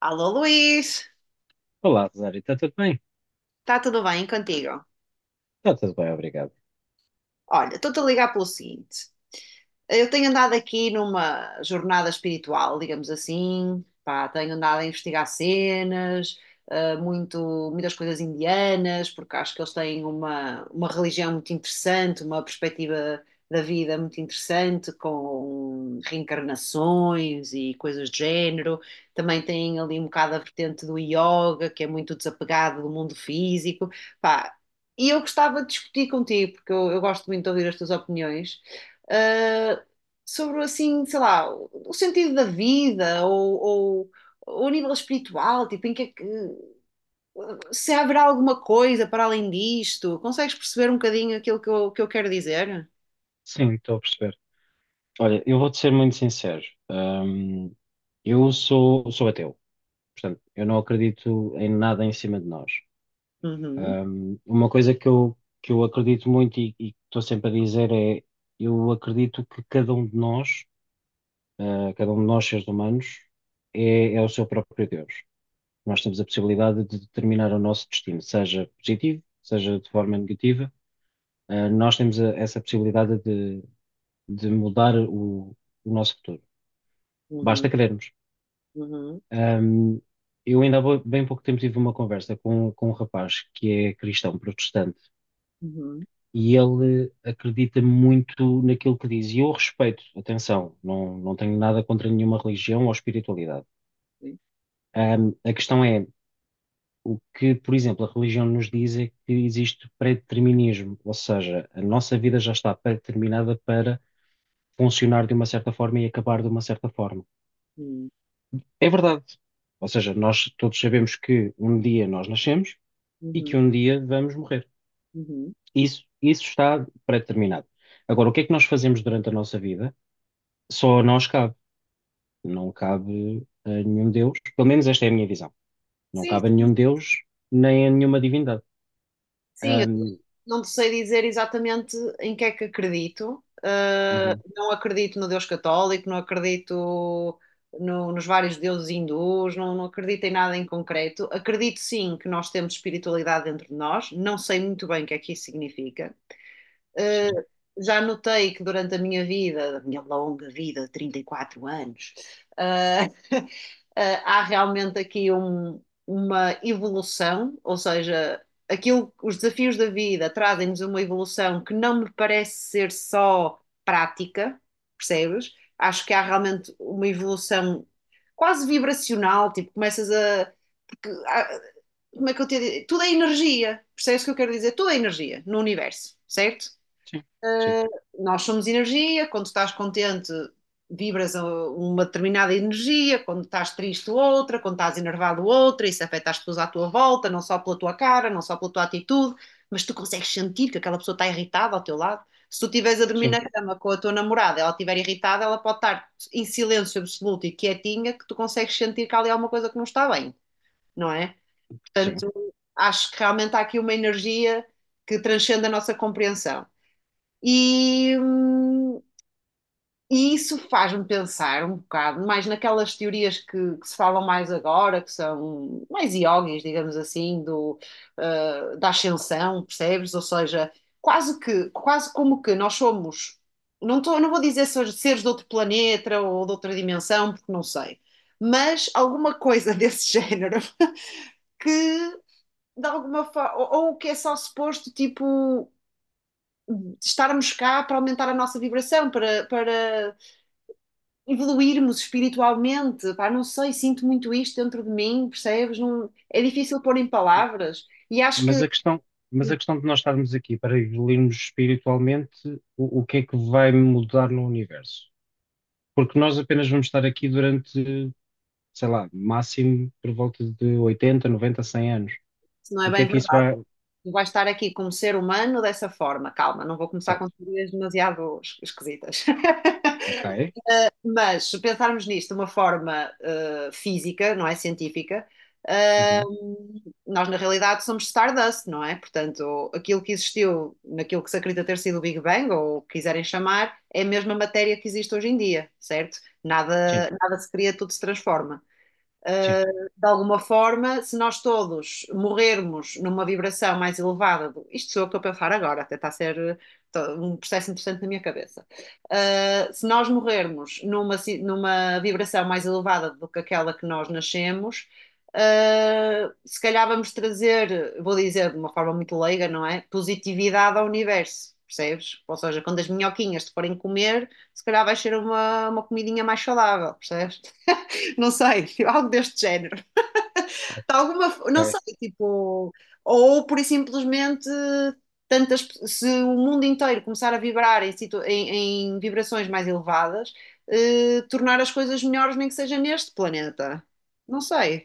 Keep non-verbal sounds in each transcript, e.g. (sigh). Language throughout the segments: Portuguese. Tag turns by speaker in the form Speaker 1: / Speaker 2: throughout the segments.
Speaker 1: Alô Luís,
Speaker 2: Olá, Rosário, está tudo bem?
Speaker 1: está tudo bem contigo?
Speaker 2: Está tudo bem, obrigado.
Speaker 1: Olha, estou-te a ligar pelo seguinte: eu tenho andado aqui numa jornada espiritual, digamos assim, pá, tenho andado a investigar cenas, muitas coisas indianas, porque acho que eles têm uma religião muito interessante, uma perspectiva da vida muito interessante, com reencarnações e coisas do género. Também têm ali um bocado a vertente do yoga, que é muito desapegado do mundo físico. Pá, e eu gostava de discutir contigo, porque eu gosto muito de ouvir as tuas opiniões, ah, sobre assim, sei lá, o sentido da vida ou a nível espiritual, tipo, se haverá alguma coisa para além disto, consegues perceber um bocadinho aquilo que eu quero dizer?
Speaker 2: Sim, estou a perceber. Olha, eu vou-te ser muito sincero. Hum, eu sou ateu, portanto, eu não acredito em nada em cima de nós.
Speaker 1: Uhum,
Speaker 2: Uma coisa que eu acredito muito e que estou sempre a dizer é: eu acredito que cada um de nós, cada um de nós, seres humanos, é o seu próprio Deus. Nós temos a possibilidade de determinar o nosso destino, seja positivo, seja de forma negativa. Nós temos essa possibilidade de mudar o nosso futuro.
Speaker 1: uhum,
Speaker 2: Basta querermos.
Speaker 1: uhum,
Speaker 2: Ahm, eu ainda há bem pouco tempo tive uma conversa com um rapaz que é cristão protestante
Speaker 1: uhum,
Speaker 2: e ele acredita muito naquilo que diz. E eu respeito, atenção, não, não tenho nada contra nenhuma religião ou espiritualidade.
Speaker 1: sim,
Speaker 2: A questão é, o que, por exemplo, a religião nos diz é que existe predeterminismo, ou seja, a nossa vida já está determinada para funcionar de uma certa forma e acabar de uma certa forma.
Speaker 1: uhum,
Speaker 2: É verdade. Ou seja, nós todos sabemos que um dia nós nascemos e que
Speaker 1: uhum,
Speaker 2: um dia vamos morrer.
Speaker 1: uhum.
Speaker 2: Isso está pré-determinado. Agora, o que é que nós fazemos durante a nossa vida? Só a nós cabe. Não cabe a nenhum Deus. Pelo menos esta é a minha visão. Não
Speaker 1: Sim,
Speaker 2: cabe a nenhum Deus, nem a nenhuma divindade.
Speaker 1: sim, eu também
Speaker 2: Ahm,
Speaker 1: não te sei dizer exatamente em que é que acredito.
Speaker 2: uhum,
Speaker 1: Não acredito no Deus católico, não acredito nos vários deuses hindus, não acredito em nada em concreto. Acredito sim que nós temos espiritualidade dentro de nós, não sei muito bem o que é que isso significa.
Speaker 2: sim,
Speaker 1: Já notei que durante a minha vida, a minha longa vida de 34 anos, uh, há realmente aqui uma evolução, ou seja, aquilo, os desafios da vida trazem-nos uma evolução que não me parece ser só prática, percebes? Acho que há realmente uma evolução quase vibracional, tipo, começas a. Porque como é que eu te digo? Tudo é energia, percebes o que eu quero dizer? Tudo é energia no universo, certo?
Speaker 2: sim, sim,
Speaker 1: Nós somos energia, quando estás contente, vibras uma determinada energia, quando estás triste, outra, quando estás enervado, outra, isso afeta as pessoas à tua volta, não só pela tua cara, não só pela tua atitude, mas tu consegues sentir que aquela pessoa está irritada ao teu lado. Se tu estiveres a dormir
Speaker 2: sim,
Speaker 1: na cama com a tua namorada, ela estiver irritada, ela pode estar em silêncio absoluto e quietinha, que tu consegues sentir que há ali alguma coisa que não está bem, não é?
Speaker 2: sim.
Speaker 1: Portanto, acho que realmente há aqui uma energia que transcende a nossa compreensão. E, hum, e isso faz-me pensar um bocado mais naquelas teorias que se falam mais agora, que são mais yogis, digamos assim, do, da ascensão, percebes? Ou seja, quase como que nós somos, não tô, não vou dizer seres de outro planeta ou de outra dimensão, porque não sei, mas alguma coisa (laughs) desse género que de alguma forma, ou que é só suposto, tipo, estarmos cá para aumentar a nossa vibração, para evoluirmos espiritualmente, pá, não sei, sinto muito isto dentro de mim, percebes? Não, é difícil pôr em palavras e acho que
Speaker 2: Mas a
Speaker 1: isso
Speaker 2: questão, mas a questão de nós estarmos aqui para evoluirmos espiritualmente, o que é que vai mudar no universo? Porque nós apenas vamos estar aqui durante, sei lá, máximo por volta de 80, 90, 100 anos.
Speaker 1: não é
Speaker 2: O que é
Speaker 1: bem
Speaker 2: que isso
Speaker 1: verdade.
Speaker 2: vai.
Speaker 1: Tu vais estar aqui como ser humano dessa forma, calma, não vou começar com
Speaker 2: Certo,
Speaker 1: teorias demasiado esquisitas. (laughs)
Speaker 2: ok.
Speaker 1: Mas se pensarmos nisto de uma forma física, não é científica, eh,
Speaker 2: Uhum.
Speaker 1: nós na realidade somos Stardust, não é? Portanto, aquilo que existiu naquilo que se acredita ter sido o Big Bang, ou o que quiserem chamar, é a mesma matéria que existe hoje em dia, certo?
Speaker 2: Sim,
Speaker 1: Nada se cria, tudo se transforma.
Speaker 2: sim,
Speaker 1: De alguma forma, se nós todos morrermos numa vibração mais elevada, isto sou eu que estou a pensar agora, até está a ser um processo interessante na minha cabeça. Se nós morrermos numa, numa vibração mais elevada do que aquela que nós nascemos, se calhar vamos trazer, vou dizer de uma forma muito leiga, não é? Positividade ao universo. Percebes? Ou seja, quando as minhoquinhas te forem comer, se calhar vai ser uma comidinha mais saudável, percebes? Não sei, (laughs) algo deste género. De alguma, não sei,
Speaker 2: ok.
Speaker 1: tipo, ou por e simplesmente se o mundo inteiro começar a vibrar em vibrações mais elevadas, tornar as coisas melhores, nem que seja neste planeta. Não sei.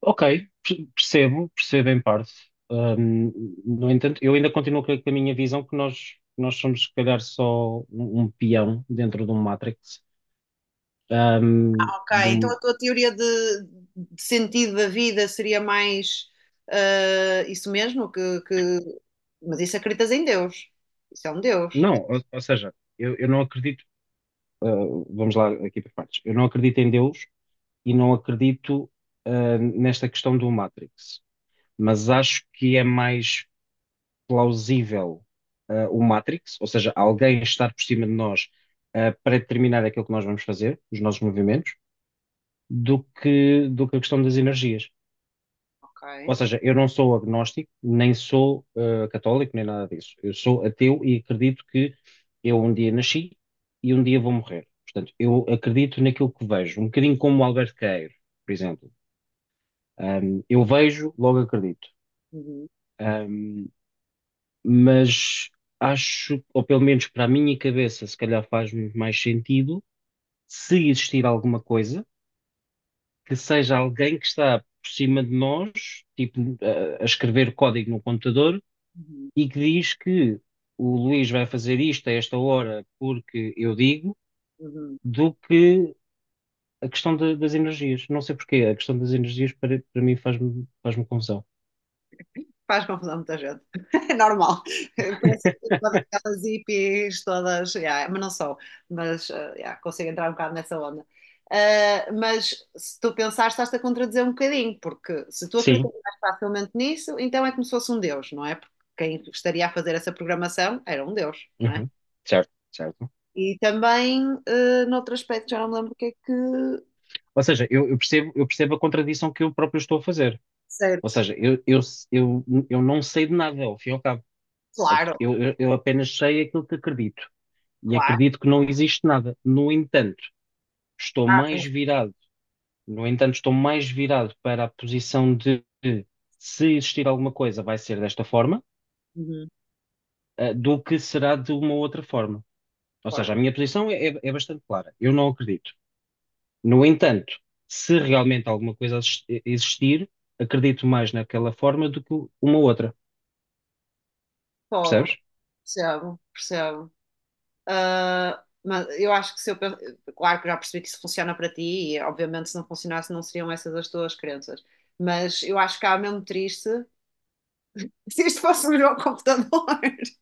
Speaker 2: Ok, percebo, percebo em parte. Ahm, no entanto, eu ainda continuo com a minha visão que nós somos, se calhar, só um peão dentro de um Matrix. Ahm,
Speaker 1: Ok,
Speaker 2: de
Speaker 1: então a
Speaker 2: um-
Speaker 1: tua teoria de sentido da vida seria mais isso mesmo, mas isso acreditas em Deus. Isso é um Deus.
Speaker 2: Não, ou seja, eu não acredito. ah, vamos lá aqui para partes. Eu não acredito em Deus e não acredito, nesta questão do Matrix, mas acho que é mais plausível, o Matrix, ou seja, alguém estar por cima de nós, para determinar aquilo que nós vamos fazer, os nossos movimentos, do que a questão das energias.
Speaker 1: Ok.
Speaker 2: Ou seja, eu não sou agnóstico, nem sou católico, nem nada disso. Eu sou ateu e acredito que eu um dia nasci e um dia vou morrer. Portanto, eu acredito naquilo que vejo, um bocadinho como o Albert Queiro, por exemplo. Eu vejo, logo acredito.
Speaker 1: Uhum,
Speaker 2: Um, mas acho, ou pelo menos para a minha cabeça, se calhar faz mais sentido, se existir alguma coisa, que seja alguém que está por cima de nós, tipo, a escrever código no computador,
Speaker 1: uhum,
Speaker 2: e que diz que o Luís vai fazer isto a esta hora porque eu digo,
Speaker 1: uhum.
Speaker 2: do que a questão das energias. Não sei porquê, a questão das energias para mim faz-me confusão.
Speaker 1: Faz confusão a muita gente. (laughs) É normal. Parece que todas aquelas hippies, todas, yeah, mas não sou, mas yeah, consigo entrar um bocado nessa onda. Mas se tu pensares, estás-te a contradizer um bocadinho, porque se tu
Speaker 2: Sim.
Speaker 1: acreditas mais facilmente nisso, então é como se fosse um Deus, não é? Porque quem estaria a fazer essa programação era um Deus, não é?
Speaker 2: Uhum. Certo, certo.
Speaker 1: E também, noutro aspecto, já não me lembro o que é que.
Speaker 2: Ou seja, eu percebo a contradição que eu próprio estou a fazer. Ou
Speaker 1: Certo.
Speaker 2: seja, eu não sei de nada, ao fim e ao cabo.
Speaker 1: Claro,
Speaker 2: Eu apenas sei aquilo que acredito. E
Speaker 1: claro.
Speaker 2: acredito que não existe nada. No entanto, estou
Speaker 1: Ah,
Speaker 2: mais virado, no entanto, estou mais virado para a posição de se existir alguma coisa, vai ser desta forma,
Speaker 1: uhum.
Speaker 2: do que será de uma outra forma. Ou seja, a minha posição é bastante clara. Eu não acredito. No entanto, se realmente alguma coisa existir, acredito mais naquela forma do que uma outra,
Speaker 1: Fogo,
Speaker 2: percebes?
Speaker 1: percebo, percebo. Ah, mas eu acho que se eu. Claro que já percebi que isso funciona para ti, e obviamente se não funcionasse não seriam essas as tuas crenças. Mas eu acho que há mesmo triste (laughs) se isto fosse o meu computador. (laughs)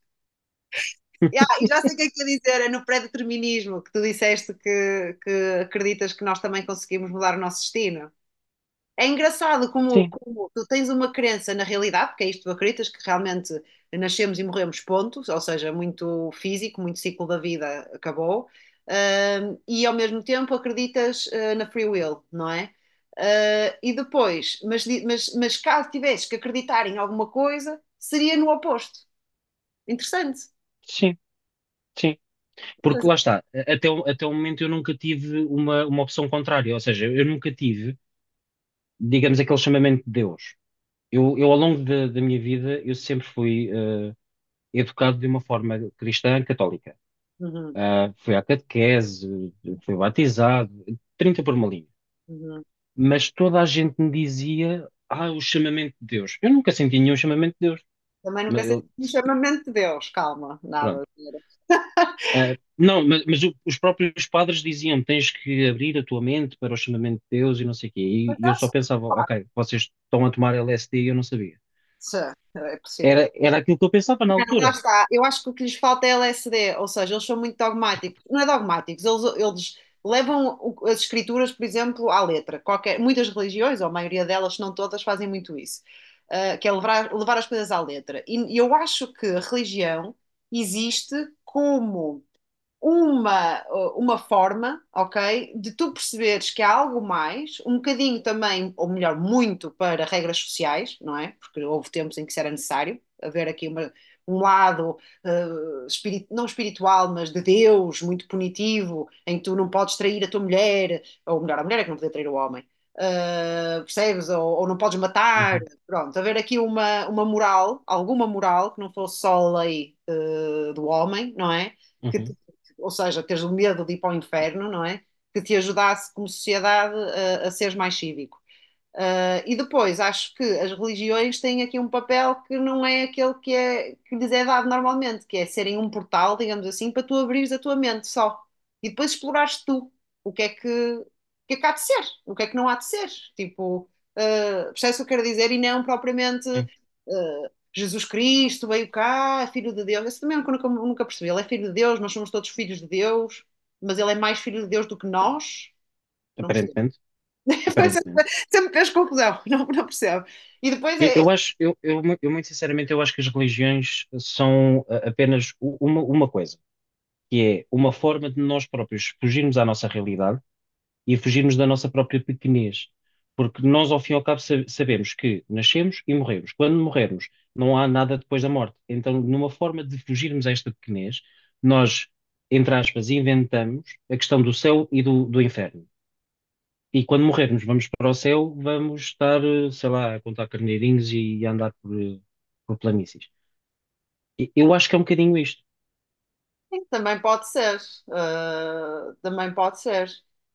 Speaker 1: Ya,
Speaker 2: (laughs)
Speaker 1: e já sei o que é que ia dizer, é no pré-determinismo que tu disseste que acreditas que nós também conseguimos mudar o nosso destino. É engraçado como,
Speaker 2: Sim,
Speaker 1: como tu tens uma crença na realidade, porque é isto que tu acreditas, que realmente nascemos e morremos, ponto, ou seja, muito físico, muito ciclo da vida acabou, e ao mesmo tempo acreditas na free will, não é? E depois, mas caso tivesses que acreditar em alguma coisa, seria no oposto. Interessante.
Speaker 2: sim, sim. Porque lá está, até o momento eu nunca tive uma opção contrária, ou seja, eu nunca tive, digamos, aquele chamamento de Deus. Eu ao longo da minha vida, eu sempre fui educado de uma forma cristã católica.
Speaker 1: Uhum,
Speaker 2: Fui à catequese, fui batizado, 30 por uma linha.
Speaker 1: uhum.
Speaker 2: Mas toda a gente me dizia, o chamamento de Deus. Eu nunca senti nenhum chamamento de Deus.
Speaker 1: Também nunca
Speaker 2: Mas
Speaker 1: sei se
Speaker 2: eu-
Speaker 1: um chamamento de Deus, calma, nada.
Speaker 2: Pronto. Não, os próprios padres diziam, tens que abrir a tua mente para o chamamento de Deus e não sei o quê. E,
Speaker 1: Mas
Speaker 2: e eu
Speaker 1: há
Speaker 2: só
Speaker 1: só
Speaker 2: pensava, ok, vocês estão a tomar LSD e eu não sabia.
Speaker 1: partes. É possi-
Speaker 2: Era aquilo que eu pensava na
Speaker 1: Não, lá
Speaker 2: altura.
Speaker 1: está. Eu acho que o que lhes falta é LSD, ou seja, eles são muito dogmáticos. Não é dogmáticos, eles levam as escrituras, por exemplo, à letra. Qualquer, muitas religiões, ou a maioria delas, se não todas, fazem muito isso, que é levar, levar as coisas à letra. E eu acho que a religião existe como uma, uma forma, ok, de tu perceberes que há algo mais, um bocadinho também, ou melhor, muito para regras sociais, não é? Porque houve tempos em que isso era necessário, haver aqui um lado, eh, não espiritual, mas de Deus, muito punitivo, em que tu não podes trair a tua mulher, ou melhor, a mulher é que não podia trair o homem. Percebes? Ou não podes matar,
Speaker 2: Uhum,
Speaker 1: pronto, haver aqui uma moral, alguma moral que não fosse só a lei do homem, não é? Que
Speaker 2: uhum,
Speaker 1: ou seja, teres o medo de ir para o inferno, não é? Que te ajudasse como sociedade a seres mais cívico. E depois, acho que as religiões têm aqui um papel que não é aquele é, que lhes é dado normalmente, que é serem um portal, digamos assim, para tu abrires a tua mente só. E depois explorares tu o que é que, é que há de ser, o que é que não há de ser. Tipo, percebes o que eu quero dizer? E não propriamente
Speaker 2: sim.
Speaker 1: Jesus Cristo veio cá, é filho de Deus. Isso também eu nunca percebi. Ele é filho de Deus, nós somos todos filhos de Deus, mas ele é mais filho de Deus do que nós. Não percebo.
Speaker 2: Aparentemente,
Speaker 1: Foi sempre,
Speaker 2: aparentemente.
Speaker 1: sempre fez confusão, (laughs) não percebo. E depois
Speaker 2: Eu, eu acho, eu, eu mu- eu muito sinceramente, eu acho que as religiões são apenas uma coisa. Que é uma forma de nós próprios fugirmos à nossa realidade e fugirmos da nossa própria pequenez. Porque nós, ao fim e ao cabo, sabemos que nascemos e morremos. Quando morrermos, não há nada depois da morte. Então, numa forma de fugirmos a esta pequenez, nós, entre aspas, inventamos a questão do céu e do inferno. E quando morrermos, vamos para o céu, vamos estar, sei lá, a contar carneirinhos e a andar por planícies. Eu acho que é um bocadinho isto.
Speaker 1: sim, também pode ser, ah, também pode ser.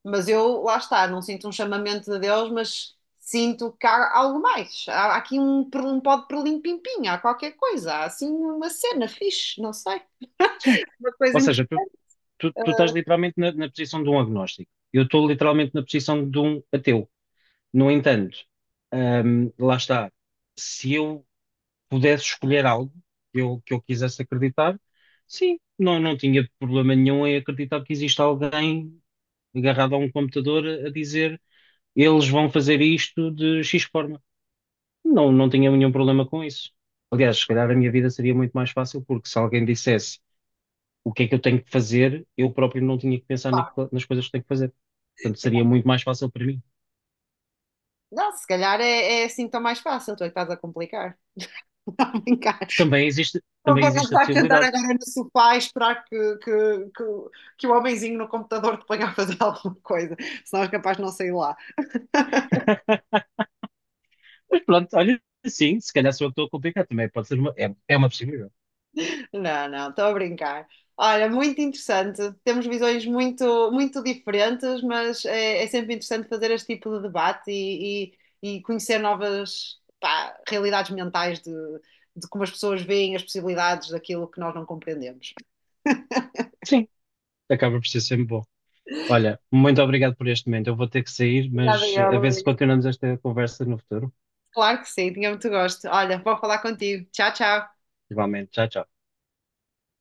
Speaker 1: Mas eu, lá está, não sinto um chamamento de Deus, mas sinto que há algo mais. Há, há aqui um pó de perlim-pim-pim, há qualquer coisa, há assim uma cena fixe, não sei,
Speaker 2: Sim.
Speaker 1: uma coisa
Speaker 2: Ou seja, tu,
Speaker 1: interessante.
Speaker 2: tu estás literalmente na posição de um agnóstico. Eu estou literalmente na posição de um ateu. No entanto, lá está. Se eu pudesse escolher algo que eu quisesse acreditar, sim, não, não tinha problema nenhum em acreditar que existe alguém agarrado a um computador a dizer eles vão fazer isto de X forma. Não, não tinha nenhum problema com isso. Aliás, se calhar a minha vida seria muito mais fácil, porque se alguém dissesse o que é que eu tenho que fazer, eu próprio não tinha que pensar nas coisas que tenho que fazer. Portanto, seria muito mais fácil para mim.
Speaker 1: Não, se calhar é assim tão mais fácil, tu é que estás a complicar. (laughs) Não, brincar. Por
Speaker 2: Também
Speaker 1: favor, não
Speaker 2: existe a
Speaker 1: vais sentar
Speaker 2: possibilidade.
Speaker 1: agora no sofá e esperar que, que o homenzinho no computador te ponha a fazer alguma coisa, senão és capaz de não sair lá.
Speaker 2: Mas pronto, olha, sim, se calhar sou eu que estou a complicar também. Pode ser uma, é uma possibilidade.
Speaker 1: Não, não, estou a brincar. Olha, muito interessante. Temos visões muito, muito diferentes, mas é, é sempre interessante fazer este tipo de debate e conhecer novas, pá, realidades mentais de como as pessoas veem as possibilidades daquilo que nós não compreendemos.
Speaker 2: Sim, acaba por ser sempre bom. Olha, muito obrigado por este momento. Eu vou ter que sair,
Speaker 1: Obrigada,
Speaker 2: mas
Speaker 1: eu,
Speaker 2: a ver se
Speaker 1: Luís.
Speaker 2: continuamos esta conversa no futuro.
Speaker 1: Claro que sim, tinha muito gosto. Olha, vou falar contigo. Tchau, tchau.
Speaker 2: Igualmente, tchau, tchau.